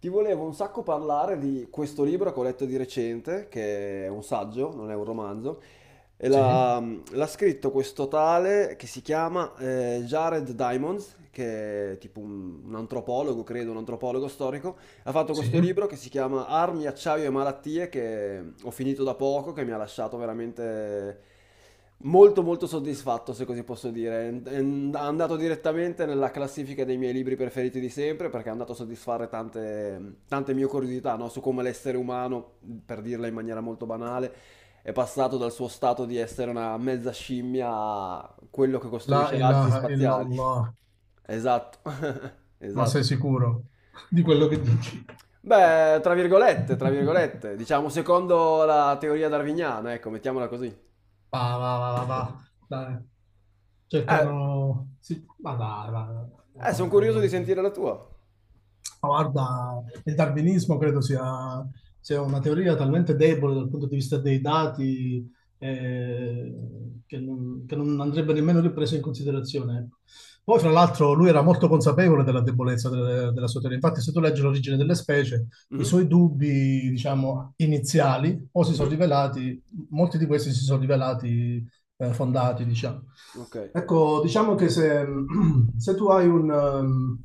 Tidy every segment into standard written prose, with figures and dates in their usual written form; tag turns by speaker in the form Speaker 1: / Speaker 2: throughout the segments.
Speaker 1: Ti volevo un sacco parlare di questo libro che ho letto di recente, che è un saggio, non è un romanzo, e
Speaker 2: Sì,
Speaker 1: l'ha scritto questo tale che si chiama Jared Diamonds, che è tipo un antropologo, credo, un antropologo storico, ha fatto
Speaker 2: sì.
Speaker 1: questo libro che si chiama Armi, acciaio e malattie, che ho finito da poco, che mi ha lasciato veramente molto molto soddisfatto, se così posso dire. È andato direttamente nella classifica dei miei libri preferiti di sempre, perché è andato a soddisfare tante, tante mie curiosità, no? Su come l'essere umano, per dirla in maniera molto banale, è passato dal suo stato di essere una mezza scimmia a quello che
Speaker 2: La
Speaker 1: costruisce razzi
Speaker 2: ilaha
Speaker 1: spaziali.
Speaker 2: illallah.
Speaker 1: Esatto,
Speaker 2: Ma
Speaker 1: esatto.
Speaker 2: sei sicuro di quello che dici?
Speaker 1: Beh, tra virgolette, diciamo secondo la teoria darwiniana, ecco, mettiamola così.
Speaker 2: Va, va, va, va, va. Dai.
Speaker 1: Eh,
Speaker 2: Cercano... Sì. Ma dai, va, va. Ma
Speaker 1: sono
Speaker 2: come
Speaker 1: curioso di
Speaker 2: credo?
Speaker 1: sentire la tua.
Speaker 2: Ma guarda, il darwinismo credo sia una teoria talmente debole dal punto di vista dei dati eh, che non andrebbe nemmeno ripresa in considerazione. Ecco. Poi, fra l'altro, lui era molto consapevole della debolezza della sua teoria. Infatti, se tu leggi l'origine delle specie, i
Speaker 1: Mhm,
Speaker 2: suoi dubbi, diciamo, iniziali, o si sono
Speaker 1: mhm,
Speaker 2: rivelati, molti di questi si sono rivelati fondati, diciamo.
Speaker 1: ok.
Speaker 2: Ecco, diciamo che se se tu hai un, ehm,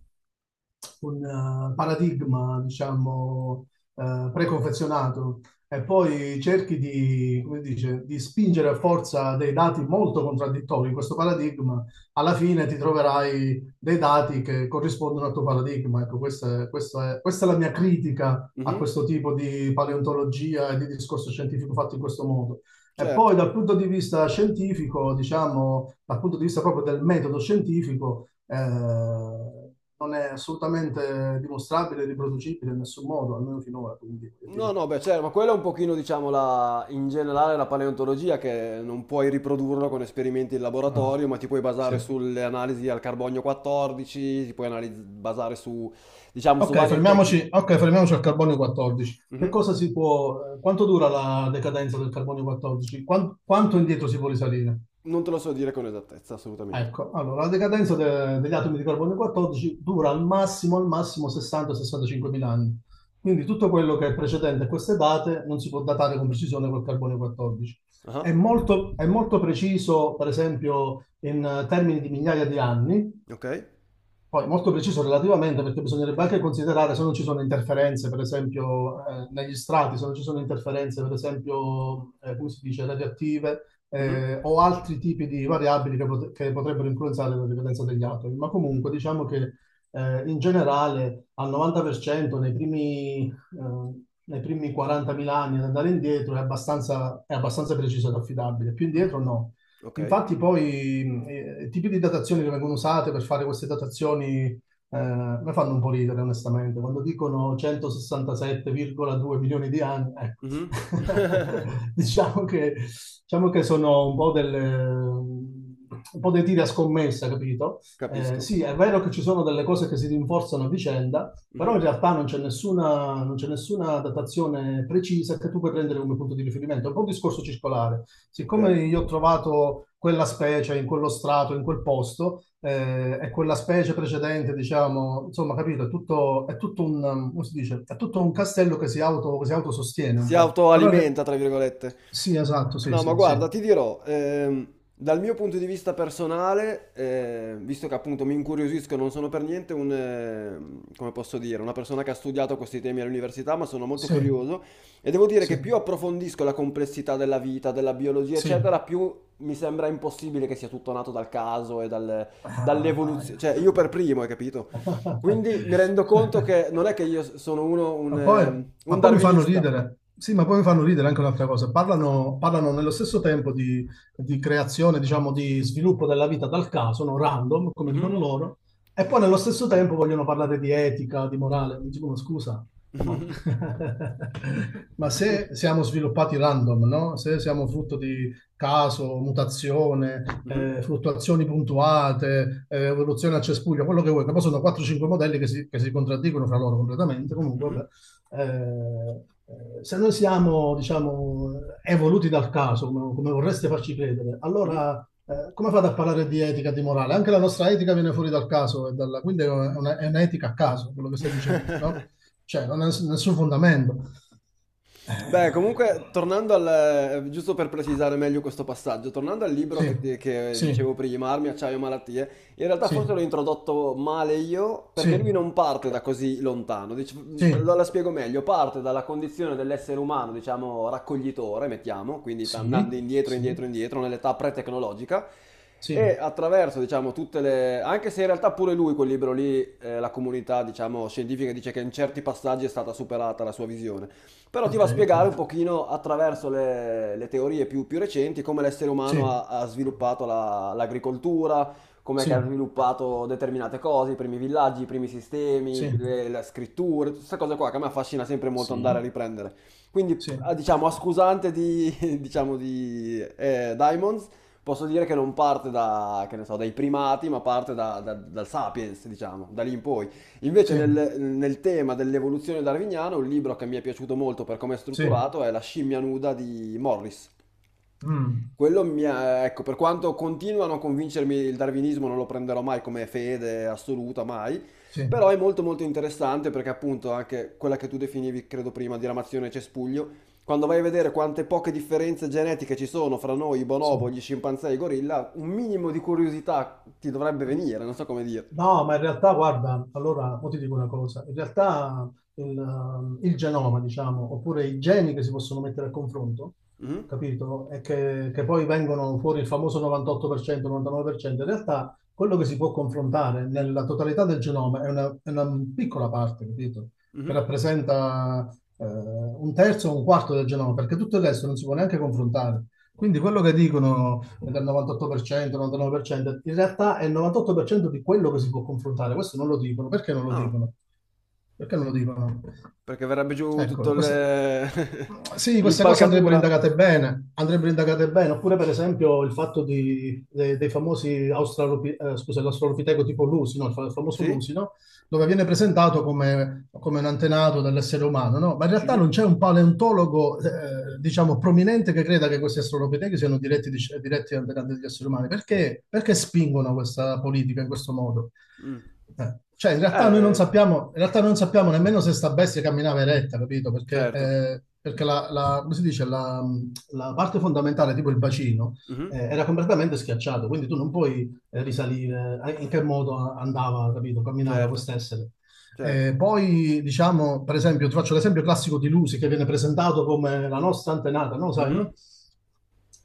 Speaker 2: un, eh, paradigma, diciamo, preconfezionato e poi cerchi di, come dice, di spingere a forza dei dati molto contraddittori in questo paradigma, alla fine ti troverai dei dati che corrispondono al tuo paradigma. Ecco, questa è la mia critica a
Speaker 1: Mhm,
Speaker 2: questo tipo di paleontologia e di discorso scientifico fatto in questo modo. E
Speaker 1: certo.
Speaker 2: poi dal punto di vista scientifico, diciamo, dal punto di vista proprio del metodo scientifico, non è assolutamente dimostrabile, e riproducibile in nessun modo, almeno finora, quindi voglio
Speaker 1: No,
Speaker 2: dire.
Speaker 1: no, beh, certo, ma quella è un pochino, diciamo, in generale la paleontologia, che non puoi riprodurlo con esperimenti in laboratorio, ma
Speaker 2: Ah,
Speaker 1: ti puoi basare
Speaker 2: sì.
Speaker 1: sulle analisi al carbonio 14, ti puoi basare su, diciamo, su
Speaker 2: Ok,
Speaker 1: varie tecniche.
Speaker 2: fermiamoci al carbonio 14. Che
Speaker 1: Mhm.
Speaker 2: cosa si può, quanto dura la decadenza del carbonio 14? Quanto indietro si può risalire?
Speaker 1: Non te lo so dire con esattezza, assolutamente.
Speaker 2: Ecco, allora la decadenza degli atomi di carbonio 14 dura al massimo 60-65 mila anni. Quindi tutto quello che è precedente a queste date non si può datare con precisione col carbonio 14.
Speaker 1: Ah,
Speaker 2: È molto preciso, per esempio, in termini di migliaia di anni,
Speaker 1: ok.
Speaker 2: poi molto preciso relativamente perché bisognerebbe anche considerare se non ci sono interferenze, per esempio, negli strati, se non ci sono interferenze, per esempio, come si dice, radioattive
Speaker 1: Mhm,
Speaker 2: o altri tipi di variabili che potrebbero influenzare la ripetenza degli atomi. Ma comunque diciamo che in generale al 90% nei primi 40.000 anni ad andare indietro è abbastanza preciso ed affidabile. Più
Speaker 1: mhm.
Speaker 2: indietro no.
Speaker 1: Okay.
Speaker 2: Infatti poi i tipi di datazioni che vengono usate per fare queste datazioni mi fanno un po' ridere, onestamente. Quando dicono 167,2 milioni di anni, ecco.
Speaker 1: Mh-mh.
Speaker 2: diciamo che, diciamo che sono un po' delle... Un po' dei tiri a scommessa, capito?
Speaker 1: Capisco.
Speaker 2: Sì, è vero che ci sono delle cose che si rinforzano a vicenda, però
Speaker 1: Mh-mh.
Speaker 2: in realtà non c'è nessuna datazione precisa che tu puoi prendere come punto di riferimento. È un po' un discorso circolare
Speaker 1: Okay.
Speaker 2: siccome io ho trovato quella specie in quello strato, in quel posto, e quella specie precedente, diciamo, insomma, capito, è tutto un, come si dice, è tutto un castello che si autosostiene un
Speaker 1: Si
Speaker 2: po'. Però,
Speaker 1: autoalimenta, tra virgolette.
Speaker 2: sì, esatto, sì,
Speaker 1: No, ma
Speaker 2: sì, sì,
Speaker 1: guarda, ti dirò, dal mio punto di vista personale, visto che appunto mi incuriosisco, non sono per niente come posso dire, una persona che ha studiato questi temi all'università, ma sono molto
Speaker 2: sì,
Speaker 1: curioso e devo dire
Speaker 2: sì,
Speaker 1: che più approfondisco la complessità della vita, della biologia, eccetera,
Speaker 2: sì.
Speaker 1: più mi sembra impossibile che sia tutto nato dal caso e
Speaker 2: Ah, dai.
Speaker 1: dall'evoluzione. Cioè, io per primo, hai capito? Quindi mi rendo conto che non è che io sono uno,
Speaker 2: Ma poi,
Speaker 1: un
Speaker 2: ma poi mi fanno
Speaker 1: darwinista.
Speaker 2: ridere. Sì, ma poi mi fanno ridere anche un'altra cosa. Parlano nello stesso tempo di creazione, diciamo, di sviluppo della vita dal caso, no? Random, come dicono
Speaker 1: Mhm.
Speaker 2: loro, e poi nello stesso tempo vogliono parlare di etica, di morale. Mi dicono, scusa, ma, ma se siamo sviluppati random, no? Se siamo frutto di caso, mutazione,
Speaker 1: Mhm.
Speaker 2: fluttuazioni puntuate, evoluzione a cespuglio, quello che vuoi, che poi sono 4-5 modelli che si contraddicono fra loro completamente, comunque,
Speaker 1: Mhm.
Speaker 2: vabbè. Se noi siamo, diciamo, evoluti dal caso, come vorreste farci credere,
Speaker 1: Mhm.
Speaker 2: allora come fate a parlare di etica e di morale? Anche la nostra etica viene fuori dal caso, e dalla, quindi è un'etica a caso quello che stai dicendo, no? Cioè, non ha nessun fondamento.
Speaker 1: Beh,
Speaker 2: Eh,
Speaker 1: comunque, giusto per precisare meglio questo passaggio, tornando al libro
Speaker 2: sì,
Speaker 1: che dicevo
Speaker 2: sì,
Speaker 1: prima, Armi, acciaio, malattie, in realtà
Speaker 2: sì,
Speaker 1: forse l'ho introdotto male io,
Speaker 2: sì,
Speaker 1: perché lui non parte da così lontano,
Speaker 2: sì,
Speaker 1: la spiego meglio, parte dalla condizione dell'essere umano, diciamo, raccoglitore, mettiamo, quindi sta
Speaker 2: sì,
Speaker 1: andando indietro,
Speaker 2: sì,
Speaker 1: indietro, indietro, nell'età pre-tecnologica, e
Speaker 2: sì,
Speaker 1: attraverso, diciamo, tutte le... anche se in realtà pure lui, quel libro lì, la comunità, diciamo, scientifica dice che in certi passaggi è stata superata la sua visione, però ti va
Speaker 2: ok,
Speaker 1: a
Speaker 2: ok,
Speaker 1: spiegare un pochino attraverso le teorie più recenti, come l'essere umano
Speaker 2: sì,
Speaker 1: ha sviluppato l'agricoltura, come che ha
Speaker 2: sì,
Speaker 1: sviluppato determinate cose, i primi villaggi, i primi sistemi,
Speaker 2: sì,
Speaker 1: le scritture, tutte queste cose qua che a me affascina sempre molto andare a
Speaker 2: sì,
Speaker 1: riprendere.
Speaker 2: sì,
Speaker 1: Quindi,
Speaker 2: sì,
Speaker 1: diciamo, a scusante di, diciamo, di Diamonds, posso dire che non parte da, che ne so, dai primati, ma parte dal sapiens, diciamo, da lì in poi. Invece
Speaker 2: sì, sì,
Speaker 1: nel tema dell'evoluzione darwiniana, un libro che mi è piaciuto molto per come è
Speaker 2: sì,
Speaker 1: strutturato è La scimmia nuda di Morris.
Speaker 2: mm,
Speaker 1: Quello mi ha, ecco, per quanto continua a non convincermi il darwinismo, non lo prenderò mai come fede assoluta, mai,
Speaker 2: sì,
Speaker 1: però è molto molto interessante perché appunto anche quella che tu definivi, credo prima, diramazione cespuglio, quando vai a vedere quante poche differenze genetiche ci sono fra noi, i
Speaker 2: sì.
Speaker 1: bonobo, gli scimpanzé e i gorilla, un minimo di curiosità ti dovrebbe venire, non so come dire.
Speaker 2: No, ma in realtà, guarda, allora, poi ti dico una cosa, in realtà il genoma, diciamo, oppure i geni che si possono mettere a confronto,
Speaker 1: Mhm,
Speaker 2: capito? E che poi vengono fuori il famoso 98%, 99%, in realtà quello che si può confrontare nella totalità del genoma è una piccola parte, capito? Che
Speaker 1: mhm.
Speaker 2: rappresenta un terzo o un quarto del genoma, perché tutto il resto non si può neanche confrontare. Quindi quello che dicono del 98%, 99%, in realtà è il 98% di quello che si può confrontare. Questo non lo dicono. Perché non lo
Speaker 1: Ah.
Speaker 2: dicono? Perché non lo dicono?
Speaker 1: Perché verrebbe giù tutto
Speaker 2: Ecco, sì, queste cose
Speaker 1: l'impalcatura.
Speaker 2: andrebbero indagate bene, oppure per esempio il fatto dei famosi l'australopiteco tipo Lusi, no? Il il famoso
Speaker 1: Sì?
Speaker 2: Lusi, no? Dove viene presentato come, come un antenato dell'essere umano, no? Ma in realtà
Speaker 1: Mhm.
Speaker 2: non c'è un paleontologo, diciamo, prominente che creda che questi australopitechi siano diretti, diretti antenati degli esseri umani. Perché, perché spingono questa politica in questo modo?
Speaker 1: Mm.
Speaker 2: Cioè, in realtà noi non
Speaker 1: Eh,
Speaker 2: sappiamo, in realtà non sappiamo nemmeno se sta bestia camminava eretta, capito? Perché,
Speaker 1: certo.
Speaker 2: eh, perché come si dice, la parte fondamentale, tipo il bacino,
Speaker 1: Mhm.
Speaker 2: era completamente schiacciato, quindi tu non puoi risalire in che modo andava, capito, camminava
Speaker 1: Certo,
Speaker 2: quest'essere.
Speaker 1: certo.
Speaker 2: Poi, diciamo, per esempio, ti faccio l'esempio classico di Lucy che viene presentato come la nostra antenata, no? Sai,
Speaker 1: Mhm.
Speaker 2: no?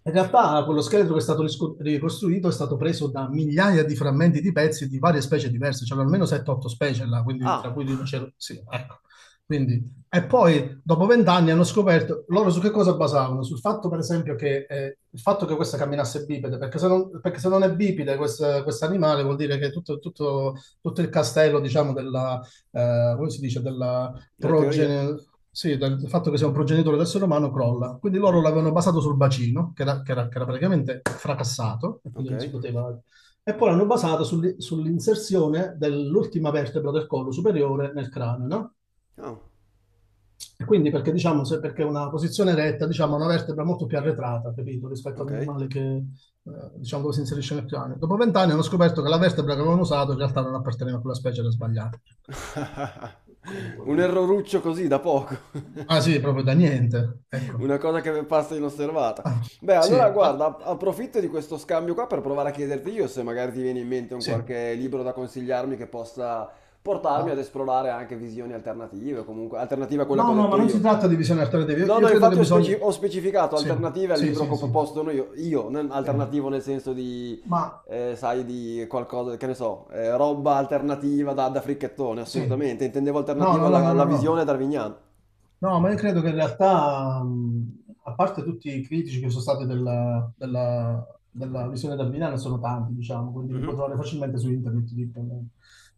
Speaker 2: In realtà quello scheletro che è stato ricostruito è stato preso da migliaia di frammenti di pezzi di varie specie diverse, c'erano almeno 7-8 specie là, quindi, tra
Speaker 1: Ah,
Speaker 2: cui rinoceronti, sì, ecco. Quindi, e poi dopo vent'anni hanno scoperto loro su che cosa basavano? Sul fatto, per esempio, che il fatto che questa camminasse bipede, perché se non è bipede questo animale vuol dire che tutto il castello, diciamo, della, come si dice, della
Speaker 1: della teoria.
Speaker 2: progenie, sì, del fatto che sia un progenitore d'essere umano crolla. Quindi loro
Speaker 1: Mhm.
Speaker 2: l'avevano basato sul bacino, che era praticamente fracassato, e quindi
Speaker 1: Ok.
Speaker 2: non si poteva... E poi l'hanno basato sull'inserzione dell'ultima vertebra del collo superiore nel cranio, no?
Speaker 1: Oh,
Speaker 2: E quindi perché diciamo, se perché una posizione retta, diciamo, ha una vertebra molto più arretrata, capito, rispetto
Speaker 1: ok.
Speaker 2: all'animale che, diciamo, dove si inserisce nel piano. Dopo vent'anni hanno scoperto che la vertebra che avevano usato in realtà non apparteneva a quella specie, era sbagliata.
Speaker 1: Un erroruccio così da poco.
Speaker 2: Ah sì, proprio da niente, ecco.
Speaker 1: Una cosa che passa inosservata.
Speaker 2: Ah,
Speaker 1: Beh, allora
Speaker 2: sì, ah,
Speaker 1: guarda, approfitto di questo scambio qua per provare a chiederti io se magari ti viene in mente un
Speaker 2: sì.
Speaker 1: qualche libro da consigliarmi che possa portarmi ad
Speaker 2: Ah.
Speaker 1: esplorare anche visioni alternative, o comunque alternative a quella che
Speaker 2: No,
Speaker 1: ho
Speaker 2: no, ma
Speaker 1: detto
Speaker 2: non si
Speaker 1: io.
Speaker 2: tratta di visioni alternative. Io,
Speaker 1: No,
Speaker 2: io
Speaker 1: no,
Speaker 2: credo che
Speaker 1: infatti ho,
Speaker 2: bisogna...
Speaker 1: ho specificato
Speaker 2: Sì,
Speaker 1: alternative al
Speaker 2: sì,
Speaker 1: libro che
Speaker 2: sì,
Speaker 1: ho
Speaker 2: sì.
Speaker 1: proposto io, non
Speaker 2: Sì.
Speaker 1: alternativo nel senso di,
Speaker 2: Ma
Speaker 1: sai, di qualcosa, che ne so, roba alternativa da fricchettone,
Speaker 2: sì.
Speaker 1: assolutamente. Intendevo
Speaker 2: No,
Speaker 1: alternativo
Speaker 2: no, no, no, no,
Speaker 1: alla
Speaker 2: no.
Speaker 1: visione darwiniana.
Speaker 2: No, ma io credo che in realtà, a parte tutti i critici che sono stati della, della visione da Milano, sono tanti, diciamo, quindi li puoi
Speaker 1: Mhm,
Speaker 2: trovare facilmente su internet. Ti dicono.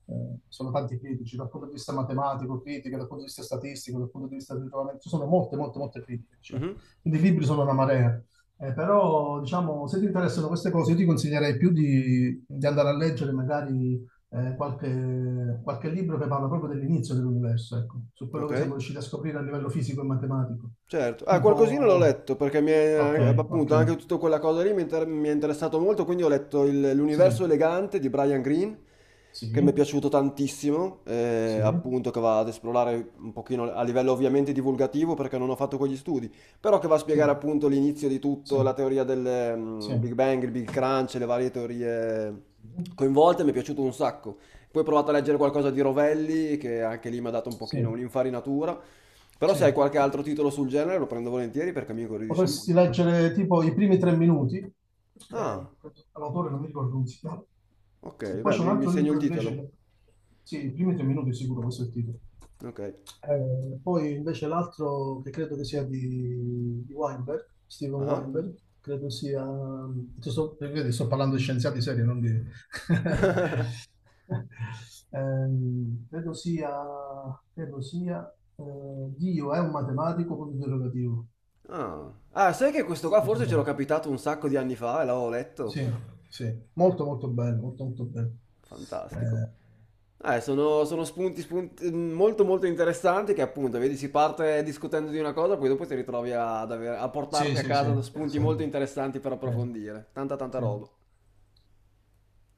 Speaker 2: Sono tanti critici dal punto di vista matematico, critiche, dal punto di vista statistico, dal punto di vista del ritrovamento, ci sono molte, molte, molte critiche, diciamo.
Speaker 1: mhm,
Speaker 2: Quindi i libri sono una marea. Però, diciamo, se ti interessano queste cose, io ti consiglierei più di andare a leggere magari qualche libro che parla proprio dell'inizio dell'universo, ecco, su quello
Speaker 1: ok.
Speaker 2: che siamo riusciti a scoprire a livello fisico e matematico.
Speaker 1: Certo, ah, qualcosina l'ho
Speaker 2: Tipo,
Speaker 1: letto perché
Speaker 2: ok,
Speaker 1: appunto
Speaker 2: ok,
Speaker 1: anche tutta quella cosa lì mi è interessato molto, quindi ho letto
Speaker 2: sì,
Speaker 1: L'universo elegante di Brian Greene, che mi è
Speaker 2: sì,
Speaker 1: piaciuto tantissimo,
Speaker 2: sì, sì,
Speaker 1: appunto che va ad esplorare un pochino a livello ovviamente divulgativo perché non ho fatto quegli studi, però che va a spiegare
Speaker 2: sì,
Speaker 1: appunto l'inizio di
Speaker 2: sì,
Speaker 1: tutto, la teoria del
Speaker 2: sì,
Speaker 1: mm, Big Bang, il Big Crunch, le varie teorie coinvolte, mi è piaciuto un sacco. Poi ho provato a leggere qualcosa di Rovelli, che anche lì mi ha dato un pochino
Speaker 2: sì,
Speaker 1: un'infarinatura. Però se
Speaker 2: sì.
Speaker 1: hai qualche altro titolo sul genere lo prendo volentieri perché mi incuriosisce
Speaker 2: Potresti
Speaker 1: molto.
Speaker 2: leggere tipo i primi tre minuti,
Speaker 1: Ah,
Speaker 2: l'autore non mi ricordo come si chiama. E
Speaker 1: ok,
Speaker 2: poi
Speaker 1: beh,
Speaker 2: c'è un
Speaker 1: mi
Speaker 2: altro
Speaker 1: segno il
Speaker 2: libro invece
Speaker 1: titolo.
Speaker 2: che... Sì, i primi tre minuti sicuro, questo è il titolo.
Speaker 1: Ok.
Speaker 2: Poi invece l'altro che credo che sia di Weinberg, Steven
Speaker 1: Ah.
Speaker 2: Weinberg, credo sia... vedi, sto parlando di scienziati seri, non di... Ehm, credo sia, credo sia eh, Dio è un matematico punto interrogativo.
Speaker 1: Ah. Ah, sai che questo qua
Speaker 2: Non so
Speaker 1: forse
Speaker 2: se-
Speaker 1: ce l'ho capitato un sacco di anni fa e l'avevo letto?
Speaker 2: Sì, sì, molto molto bello, molto molto bello.
Speaker 1: Fantastico.
Speaker 2: Eh,
Speaker 1: Sono spunti, molto molto interessanti che appunto, vedi, si parte discutendo di una cosa, poi dopo ti ritrovi ad a
Speaker 2: sì,
Speaker 1: portarti a
Speaker 2: sì, sì,
Speaker 1: casa
Speaker 2: sì,
Speaker 1: spunti
Speaker 2: sì,
Speaker 1: molto interessanti per
Speaker 2: sì.
Speaker 1: approfondire. Tanta tanta
Speaker 2: Sì.
Speaker 1: roba.